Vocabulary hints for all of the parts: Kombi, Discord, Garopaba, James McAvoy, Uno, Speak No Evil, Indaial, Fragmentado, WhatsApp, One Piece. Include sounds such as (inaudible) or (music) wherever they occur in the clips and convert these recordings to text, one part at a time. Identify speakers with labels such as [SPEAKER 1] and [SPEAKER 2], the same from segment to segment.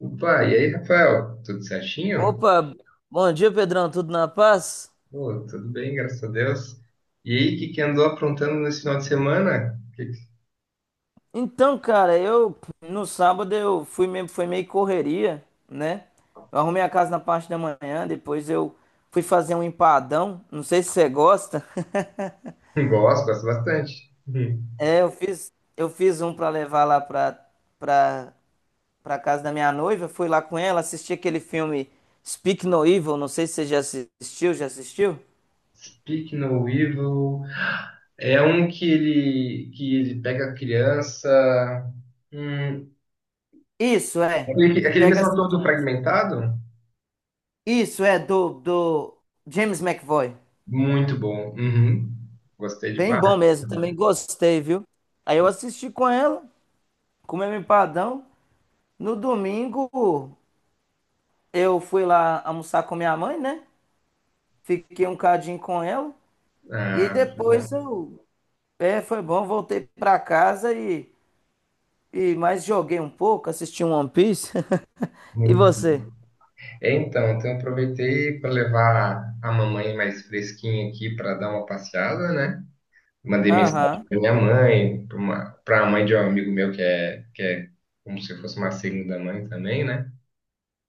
[SPEAKER 1] Opa, e aí, Rafael? Tudo certinho?
[SPEAKER 2] Opa, bom dia, Pedrão, tudo na paz?
[SPEAKER 1] Pô, tudo bem, graças a Deus. E aí, o que que andou aprontando nesse final de semana?
[SPEAKER 2] Então, cara, eu no sábado eu foi meio correria, né? Eu arrumei a casa na parte da manhã, depois eu fui fazer um empadão, não sei se você gosta. (laughs)
[SPEAKER 1] (laughs) Gosto, gosto bastante. Hum.
[SPEAKER 2] É, eu fiz um pra levar lá pra para para casa da minha noiva, fui lá com ela, assisti aquele filme Speak No Evil, não sei se você já assistiu?
[SPEAKER 1] Speak No Evil é um que ele pega a criança. Hum,
[SPEAKER 2] Isso é,
[SPEAKER 1] aquele,
[SPEAKER 2] que
[SPEAKER 1] aquele
[SPEAKER 2] pega
[SPEAKER 1] mesmo
[SPEAKER 2] as
[SPEAKER 1] ator do
[SPEAKER 2] crianças.
[SPEAKER 1] Fragmentado?
[SPEAKER 2] Isso é do James McAvoy.
[SPEAKER 1] Muito bom. Uhum. Gostei
[SPEAKER 2] Bem
[SPEAKER 1] demais.
[SPEAKER 2] bom mesmo, também gostei, viu? Aí eu assisti com ela, comemos empadão. No domingo, eu fui lá almoçar com minha mãe, né? Fiquei um cadinho com ela. E aí
[SPEAKER 1] Ah,
[SPEAKER 2] depois
[SPEAKER 1] bom.
[SPEAKER 2] eu. É, foi bom, voltei pra casa e mais joguei um pouco, assisti um One Piece. (laughs) E
[SPEAKER 1] Muito.
[SPEAKER 2] você?
[SPEAKER 1] É, então eu aproveitei para levar a mamãe mais fresquinha aqui para dar uma passeada, né? Mandei mensagem
[SPEAKER 2] Aham.
[SPEAKER 1] para minha mãe, para a mãe de um amigo meu que é como se fosse uma segunda mãe também, né?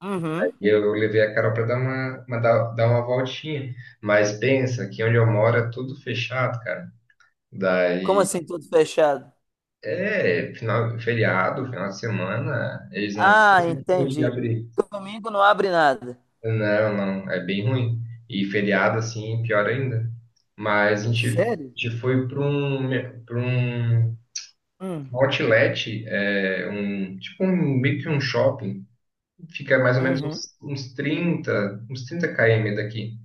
[SPEAKER 2] Uhum.
[SPEAKER 1] E eu levei a Carol para dar uma voltinha. Mas pensa que onde eu moro é tudo fechado, cara.
[SPEAKER 2] Como
[SPEAKER 1] Daí
[SPEAKER 2] assim, tudo fechado?
[SPEAKER 1] é final, feriado, final de semana, eles não
[SPEAKER 2] Ah,
[SPEAKER 1] têm como de
[SPEAKER 2] entendi.
[SPEAKER 1] abrir.
[SPEAKER 2] Domingo não abre nada.
[SPEAKER 1] Não, não, é bem ruim. E feriado, assim, pior ainda. Mas a gente, a
[SPEAKER 2] Sério?
[SPEAKER 1] gente foi para um
[SPEAKER 2] Hum.
[SPEAKER 1] outlet, é, um, tipo um, meio que um shopping. Fica mais ou menos
[SPEAKER 2] Uhum.
[SPEAKER 1] uns 30, uns 30 km daqui.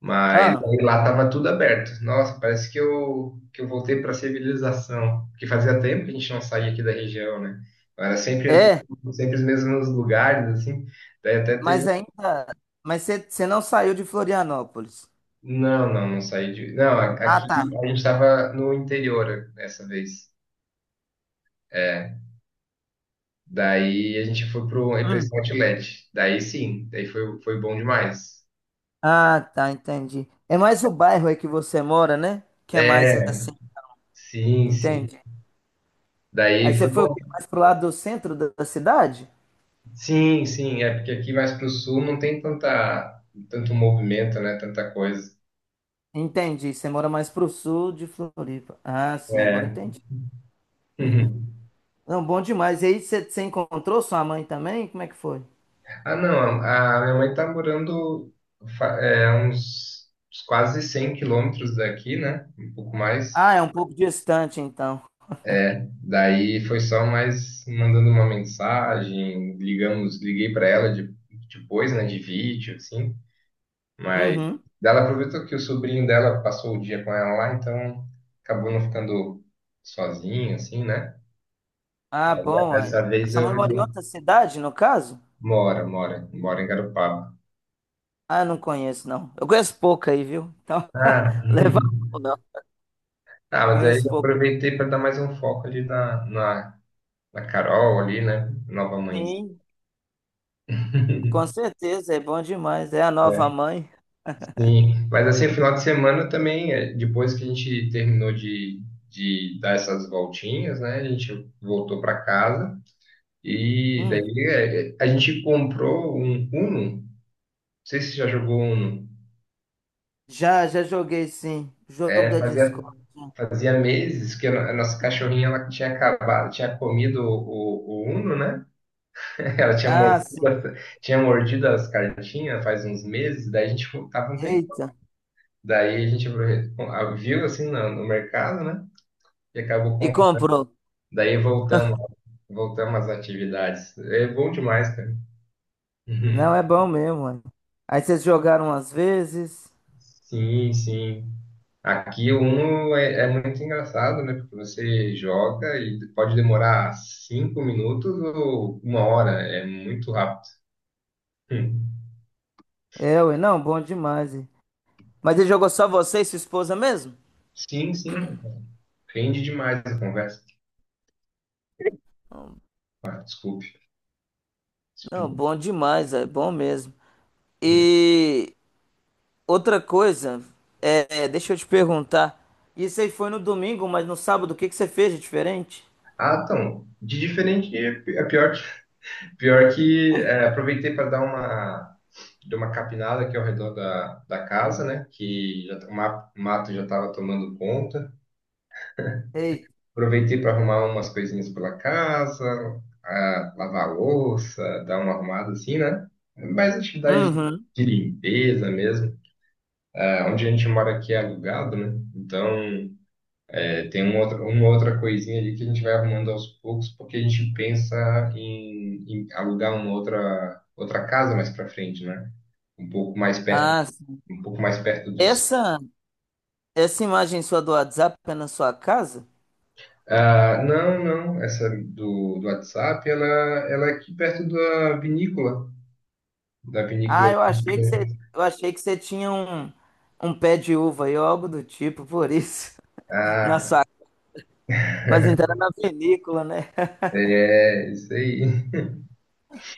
[SPEAKER 1] Mas
[SPEAKER 2] Ah,
[SPEAKER 1] aí lá tava tudo aberto. Nossa, parece que eu voltei para a civilização. Porque fazia tempo que a gente não saía aqui da região, né? Era
[SPEAKER 2] é?
[SPEAKER 1] sempre os mesmos lugares, assim. Daí até.
[SPEAKER 2] Mas ainda. Mas você não saiu de Florianópolis.
[SPEAKER 1] Não, não, não saí de. Não,
[SPEAKER 2] Ah,
[SPEAKER 1] aqui
[SPEAKER 2] tá.
[SPEAKER 1] a gente estava no interior dessa vez. É, daí a gente foi pro para esse
[SPEAKER 2] Hum.
[SPEAKER 1] outlet. Daí sim, daí foi bom demais.
[SPEAKER 2] Ah, tá, entendi. É mais o bairro aí que você mora, né? Que é mais
[SPEAKER 1] É,
[SPEAKER 2] assim.
[SPEAKER 1] sim, sim.
[SPEAKER 2] Entendi. Aí
[SPEAKER 1] Daí
[SPEAKER 2] você
[SPEAKER 1] foi
[SPEAKER 2] foi o quê?
[SPEAKER 1] bom.
[SPEAKER 2] Mais pro lado do centro da cidade?
[SPEAKER 1] Sim, sim, é porque aqui mais pro sul não tem tanta tanto movimento, né? Tanta coisa.
[SPEAKER 2] Entendi. Você mora mais pro sul de Floripa. Ah, sim, agora
[SPEAKER 1] É. (laughs)
[SPEAKER 2] entendi.
[SPEAKER 1] Uhum.
[SPEAKER 2] Não, bom demais. E aí você encontrou sua mãe também? Como é que foi?
[SPEAKER 1] Ah, não, a minha mãe tá morando uns quase 100 quilômetros daqui, né? Um pouco mais.
[SPEAKER 2] Ah, é um pouco distante, então.
[SPEAKER 1] Daí foi só mais mandando uma mensagem, ligamos, liguei para ela depois, né, de vídeo, assim, mas
[SPEAKER 2] Uhum.
[SPEAKER 1] ela aproveitou que o sobrinho dela passou o dia com ela lá, então acabou não ficando sozinho, assim, né?
[SPEAKER 2] Ah, bom. Aí.
[SPEAKER 1] Dessa
[SPEAKER 2] A
[SPEAKER 1] vez
[SPEAKER 2] sua
[SPEAKER 1] eu
[SPEAKER 2] mãe mora em
[SPEAKER 1] resolvi.
[SPEAKER 2] outra cidade, no caso?
[SPEAKER 1] Mora em Garopaba.
[SPEAKER 2] Ah, não conheço, não. Eu conheço pouco aí, viu? Então,
[SPEAKER 1] Ah,
[SPEAKER 2] (laughs) leva a mão, não.
[SPEAKER 1] (laughs) ah, mas aí
[SPEAKER 2] Conheço
[SPEAKER 1] eu
[SPEAKER 2] pouco.
[SPEAKER 1] aproveitei para dar mais um foco ali na Carol ali, né? Nova mãe.
[SPEAKER 2] Sim, com certeza, é bom demais. É a nova mãe.
[SPEAKER 1] Sim, mas assim, final de semana também, é, depois que a gente terminou de dar essas voltinhas, né? A gente voltou para casa e
[SPEAKER 2] Hum,
[SPEAKER 1] daí a gente comprou um Uno. Não sei se você já jogou Uno.
[SPEAKER 2] já joguei, sim. Jogo
[SPEAKER 1] É,
[SPEAKER 2] da
[SPEAKER 1] fazia,
[SPEAKER 2] Discord.
[SPEAKER 1] fazia meses que a no- a nossa cachorrinha ela tinha acabado, tinha comido o Uno, né? (laughs) Ela tinha
[SPEAKER 2] Ah,
[SPEAKER 1] mordido,
[SPEAKER 2] sim.
[SPEAKER 1] tinha mordido as cartinhas faz uns meses, daí a gente tava um tempo.
[SPEAKER 2] Eita.
[SPEAKER 1] Daí a gente viu assim no mercado, né? E acabou.
[SPEAKER 2] E comprou.
[SPEAKER 1] Daí voltamos às atividades. É bom demais, cara.
[SPEAKER 2] Não,
[SPEAKER 1] Uhum.
[SPEAKER 2] é bom mesmo, mano. Aí vocês jogaram umas vezes.
[SPEAKER 1] Sim, sim. Aqui o Uno é muito engraçado, né? Porque você joga e pode demorar 5 minutos ou uma hora. É muito rápido. Hum.
[SPEAKER 2] É, ué, não, bom demais. Ué. Mas ele jogou só você e sua esposa mesmo?
[SPEAKER 1] Sim, sim. Rende demais a conversa. Ah, desculpe.
[SPEAKER 2] Não,
[SPEAKER 1] Expl-
[SPEAKER 2] bom demais, é bom mesmo.
[SPEAKER 1] Hum.
[SPEAKER 2] E outra coisa, deixa eu te perguntar. Isso aí foi no domingo, mas no sábado o que que você fez de diferente?
[SPEAKER 1] Ah, então, de diferente, é pior, (laughs) pior que é, aproveitei para dar uma deu uma capinada aqui ao redor da, da casa, né? Que já, tá, o mato já estava tomando conta.
[SPEAKER 2] Ei.
[SPEAKER 1] Aproveitei para arrumar umas coisinhas pela casa, ah, lavar a louça, dar uma arrumada assim, né? Mais atividade
[SPEAKER 2] Uhum.
[SPEAKER 1] de limpeza mesmo. Ah, onde a gente mora aqui é alugado, né? Então, é, tem uma outra coisinha ali que a gente vai arrumando aos poucos, porque a gente pensa em alugar uma outra casa mais para frente, né? Um pouco mais perto,
[SPEAKER 2] Ah, sim.
[SPEAKER 1] um pouco mais perto do.
[SPEAKER 2] essa essa imagem sua do WhatsApp é na sua casa?
[SPEAKER 1] Ah, não, não, essa do WhatsApp, ela é aqui perto da vinícola, da
[SPEAKER 2] Ah,
[SPEAKER 1] vinícola.
[SPEAKER 2] eu achei que você tinha um pé de uva aí ou algo do tipo, por isso (laughs) na
[SPEAKER 1] Ah,
[SPEAKER 2] sua. Mas então era na vinícola, né? (laughs)
[SPEAKER 1] é, isso aí.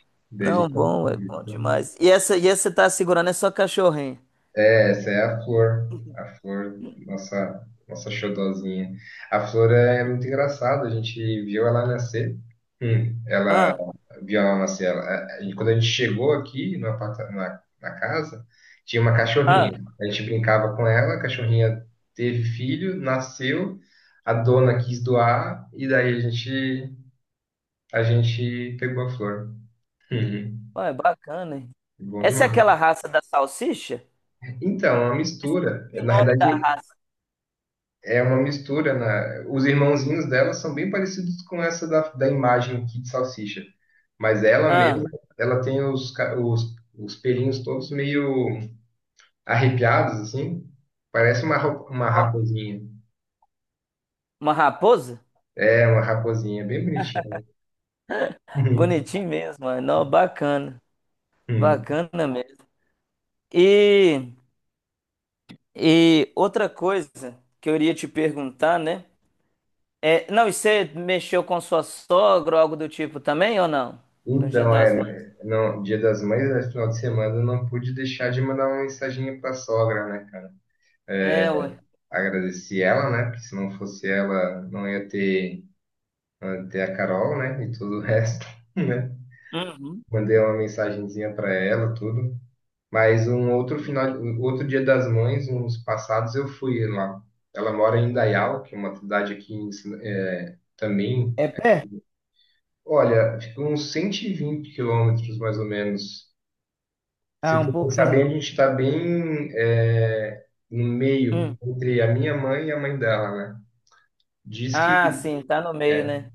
[SPEAKER 1] (laughs) Daí
[SPEAKER 2] Não, bom, é bom demais. E essa você tá segurando é sua cachorrinha?
[SPEAKER 1] É, essa é a flor, nossa xodozinha. A flor é muito engraçada, a gente viu ela nascer. Hum.
[SPEAKER 2] Ah,
[SPEAKER 1] Via lá na cela. E quando a gente chegou aqui no aparta- na, na casa, tinha uma cachorrinha.
[SPEAKER 2] ah,
[SPEAKER 1] A gente brincava com ela, a cachorrinha teve filho, nasceu, a dona quis doar, e daí a gente pegou a flor. Uhum.
[SPEAKER 2] ué, bacana, hein?
[SPEAKER 1] Bom
[SPEAKER 2] Essa é
[SPEAKER 1] demais.
[SPEAKER 2] aquela raça da salsicha?
[SPEAKER 1] Então, é uma mistura.
[SPEAKER 2] O
[SPEAKER 1] Na
[SPEAKER 2] nome da
[SPEAKER 1] realidade,
[SPEAKER 2] raça.
[SPEAKER 1] é uma mistura. Os irmãozinhos dela são bem parecidos com essa da imagem aqui de salsicha. Mas ela
[SPEAKER 2] Ah,
[SPEAKER 1] mesma, ela tem os pelinhos todos meio arrepiados, assim. Parece uma
[SPEAKER 2] ó,
[SPEAKER 1] raposinha.
[SPEAKER 2] uma raposa?
[SPEAKER 1] É, uma raposinha, bem bonitinha. Uhum.
[SPEAKER 2] Bonitinho mesmo, mano. Não, bacana.
[SPEAKER 1] Uhum.
[SPEAKER 2] Bacana mesmo. E, e outra coisa que eu iria te perguntar, né? É, não, e você mexeu com sua sogra ou algo do tipo também ou não? No Dia
[SPEAKER 1] Então,
[SPEAKER 2] das Mães?
[SPEAKER 1] é, não, Dia das Mães, é final de semana, eu não pude deixar de mandar uma mensaginha pra sogra, né, cara? É,
[SPEAKER 2] É, ué.
[SPEAKER 1] agradeci ela, né? Porque se não fosse ela, não ia ter a Carol, né? E todo o resto, (laughs) né?
[SPEAKER 2] Uhum.
[SPEAKER 1] Mandei uma mensagenzinha pra ela, tudo. Mas um outro Dia das Mães, uns passados, eu fui lá. Ela mora em Indaial, que é uma cidade aqui em também.
[SPEAKER 2] É pé?
[SPEAKER 1] Olha, fica uns 120 quilômetros, mais ou menos. Se
[SPEAKER 2] Ah, um
[SPEAKER 1] for pensar bem, a
[SPEAKER 2] pouquinho.
[SPEAKER 1] gente está bem é, no meio,
[SPEAKER 2] Hum.
[SPEAKER 1] entre a minha mãe e a mãe dela, né? Diz que,
[SPEAKER 2] Ah, sim, tá no meio, né?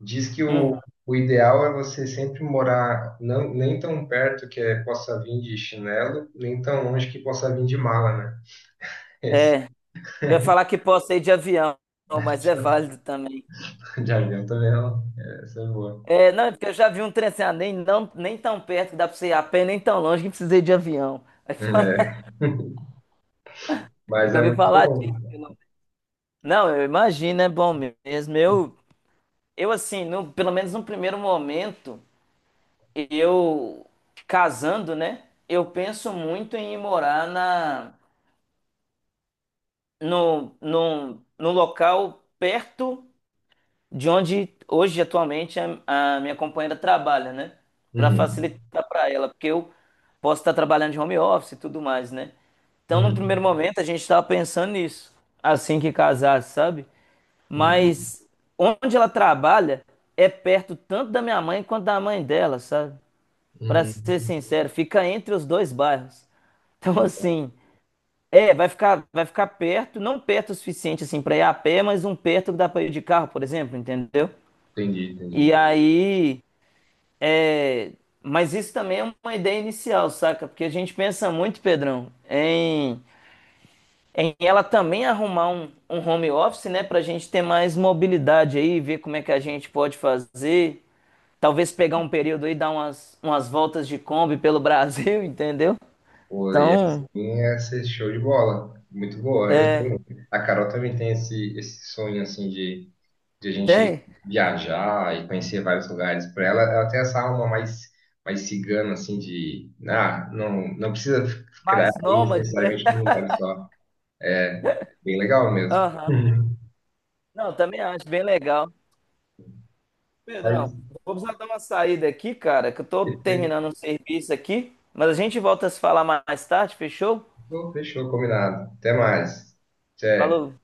[SPEAKER 1] diz que
[SPEAKER 2] Uhum.
[SPEAKER 1] o ideal é você sempre morar não, nem tão perto que possa vir de chinelo, nem tão longe que possa vir de mala, né?
[SPEAKER 2] É. Eu ia falar que posso ir de avião, mas é
[SPEAKER 1] (laughs)
[SPEAKER 2] válido também.
[SPEAKER 1] (laughs) Jardim também não. É, essa é boa.
[SPEAKER 2] É, não, é porque eu já vi um trem assim, ah, nem, não, nem tão perto que dá pra você ir a pé, nem tão longe que precisei de avião. Aí fala,
[SPEAKER 1] É,
[SPEAKER 2] (laughs) eu
[SPEAKER 1] mas
[SPEAKER 2] já
[SPEAKER 1] é
[SPEAKER 2] ouvi
[SPEAKER 1] muito
[SPEAKER 2] falar
[SPEAKER 1] bom.
[SPEAKER 2] disso. Não, não, eu imagino, é bom mesmo. Eu assim, no, pelo menos no primeiro momento, eu casando, né? Eu penso muito em ir morar na, no, num, num local perto de onde hoje atualmente a minha companheira trabalha, né? Para
[SPEAKER 1] Uhum,
[SPEAKER 2] facilitar para ela, porque eu posso estar trabalhando de home office e tudo mais, né? Então, no primeiro
[SPEAKER 1] uhum,
[SPEAKER 2] momento, a gente estava pensando nisso, assim que casar, sabe?
[SPEAKER 1] uhum,
[SPEAKER 2] Mas onde ela trabalha é perto tanto da minha mãe quanto da mãe dela, sabe? Para ser
[SPEAKER 1] uhum.
[SPEAKER 2] sincero, fica entre os dois bairros. Então, assim, é, vai ficar perto, não perto o suficiente assim para ir a pé, mas um perto que dá para ir de carro, por exemplo, entendeu?
[SPEAKER 1] Entendi,
[SPEAKER 2] E
[SPEAKER 1] entendi.
[SPEAKER 2] aí, é... mas isso também é uma ideia inicial, saca? Porque a gente pensa muito, Pedrão, em ela também arrumar um home office, né? Pra gente ter mais mobilidade aí, ver como é que a gente pode fazer. Talvez pegar um período aí, dar umas voltas de Kombi pelo Brasil, (laughs) entendeu?
[SPEAKER 1] Pô, e
[SPEAKER 2] Então,
[SPEAKER 1] assim é ser show de bola. Muito boa. Eu
[SPEAKER 2] é.
[SPEAKER 1] também. A Carol também tem esse sonho assim de a gente
[SPEAKER 2] Tem.
[SPEAKER 1] viajar e conhecer vários lugares. Para ela, ela tem essa alma mais, mais cigana, assim, de ah, não, não precisa ficar
[SPEAKER 2] Mais
[SPEAKER 1] aí
[SPEAKER 2] nômade, né?
[SPEAKER 1] necessariamente num lugar só. É bem legal mesmo.
[SPEAKER 2] Aham.
[SPEAKER 1] Uhum.
[SPEAKER 2] Não, também acho bem legal.
[SPEAKER 1] Mas,
[SPEAKER 2] Pedrão, vamos dar uma saída aqui, cara, que eu tô
[SPEAKER 1] perfeito.
[SPEAKER 2] terminando um serviço aqui, mas a gente volta a se falar mais tarde, fechou?
[SPEAKER 1] Fechou, combinado. Até mais. Tchau.
[SPEAKER 2] Falou.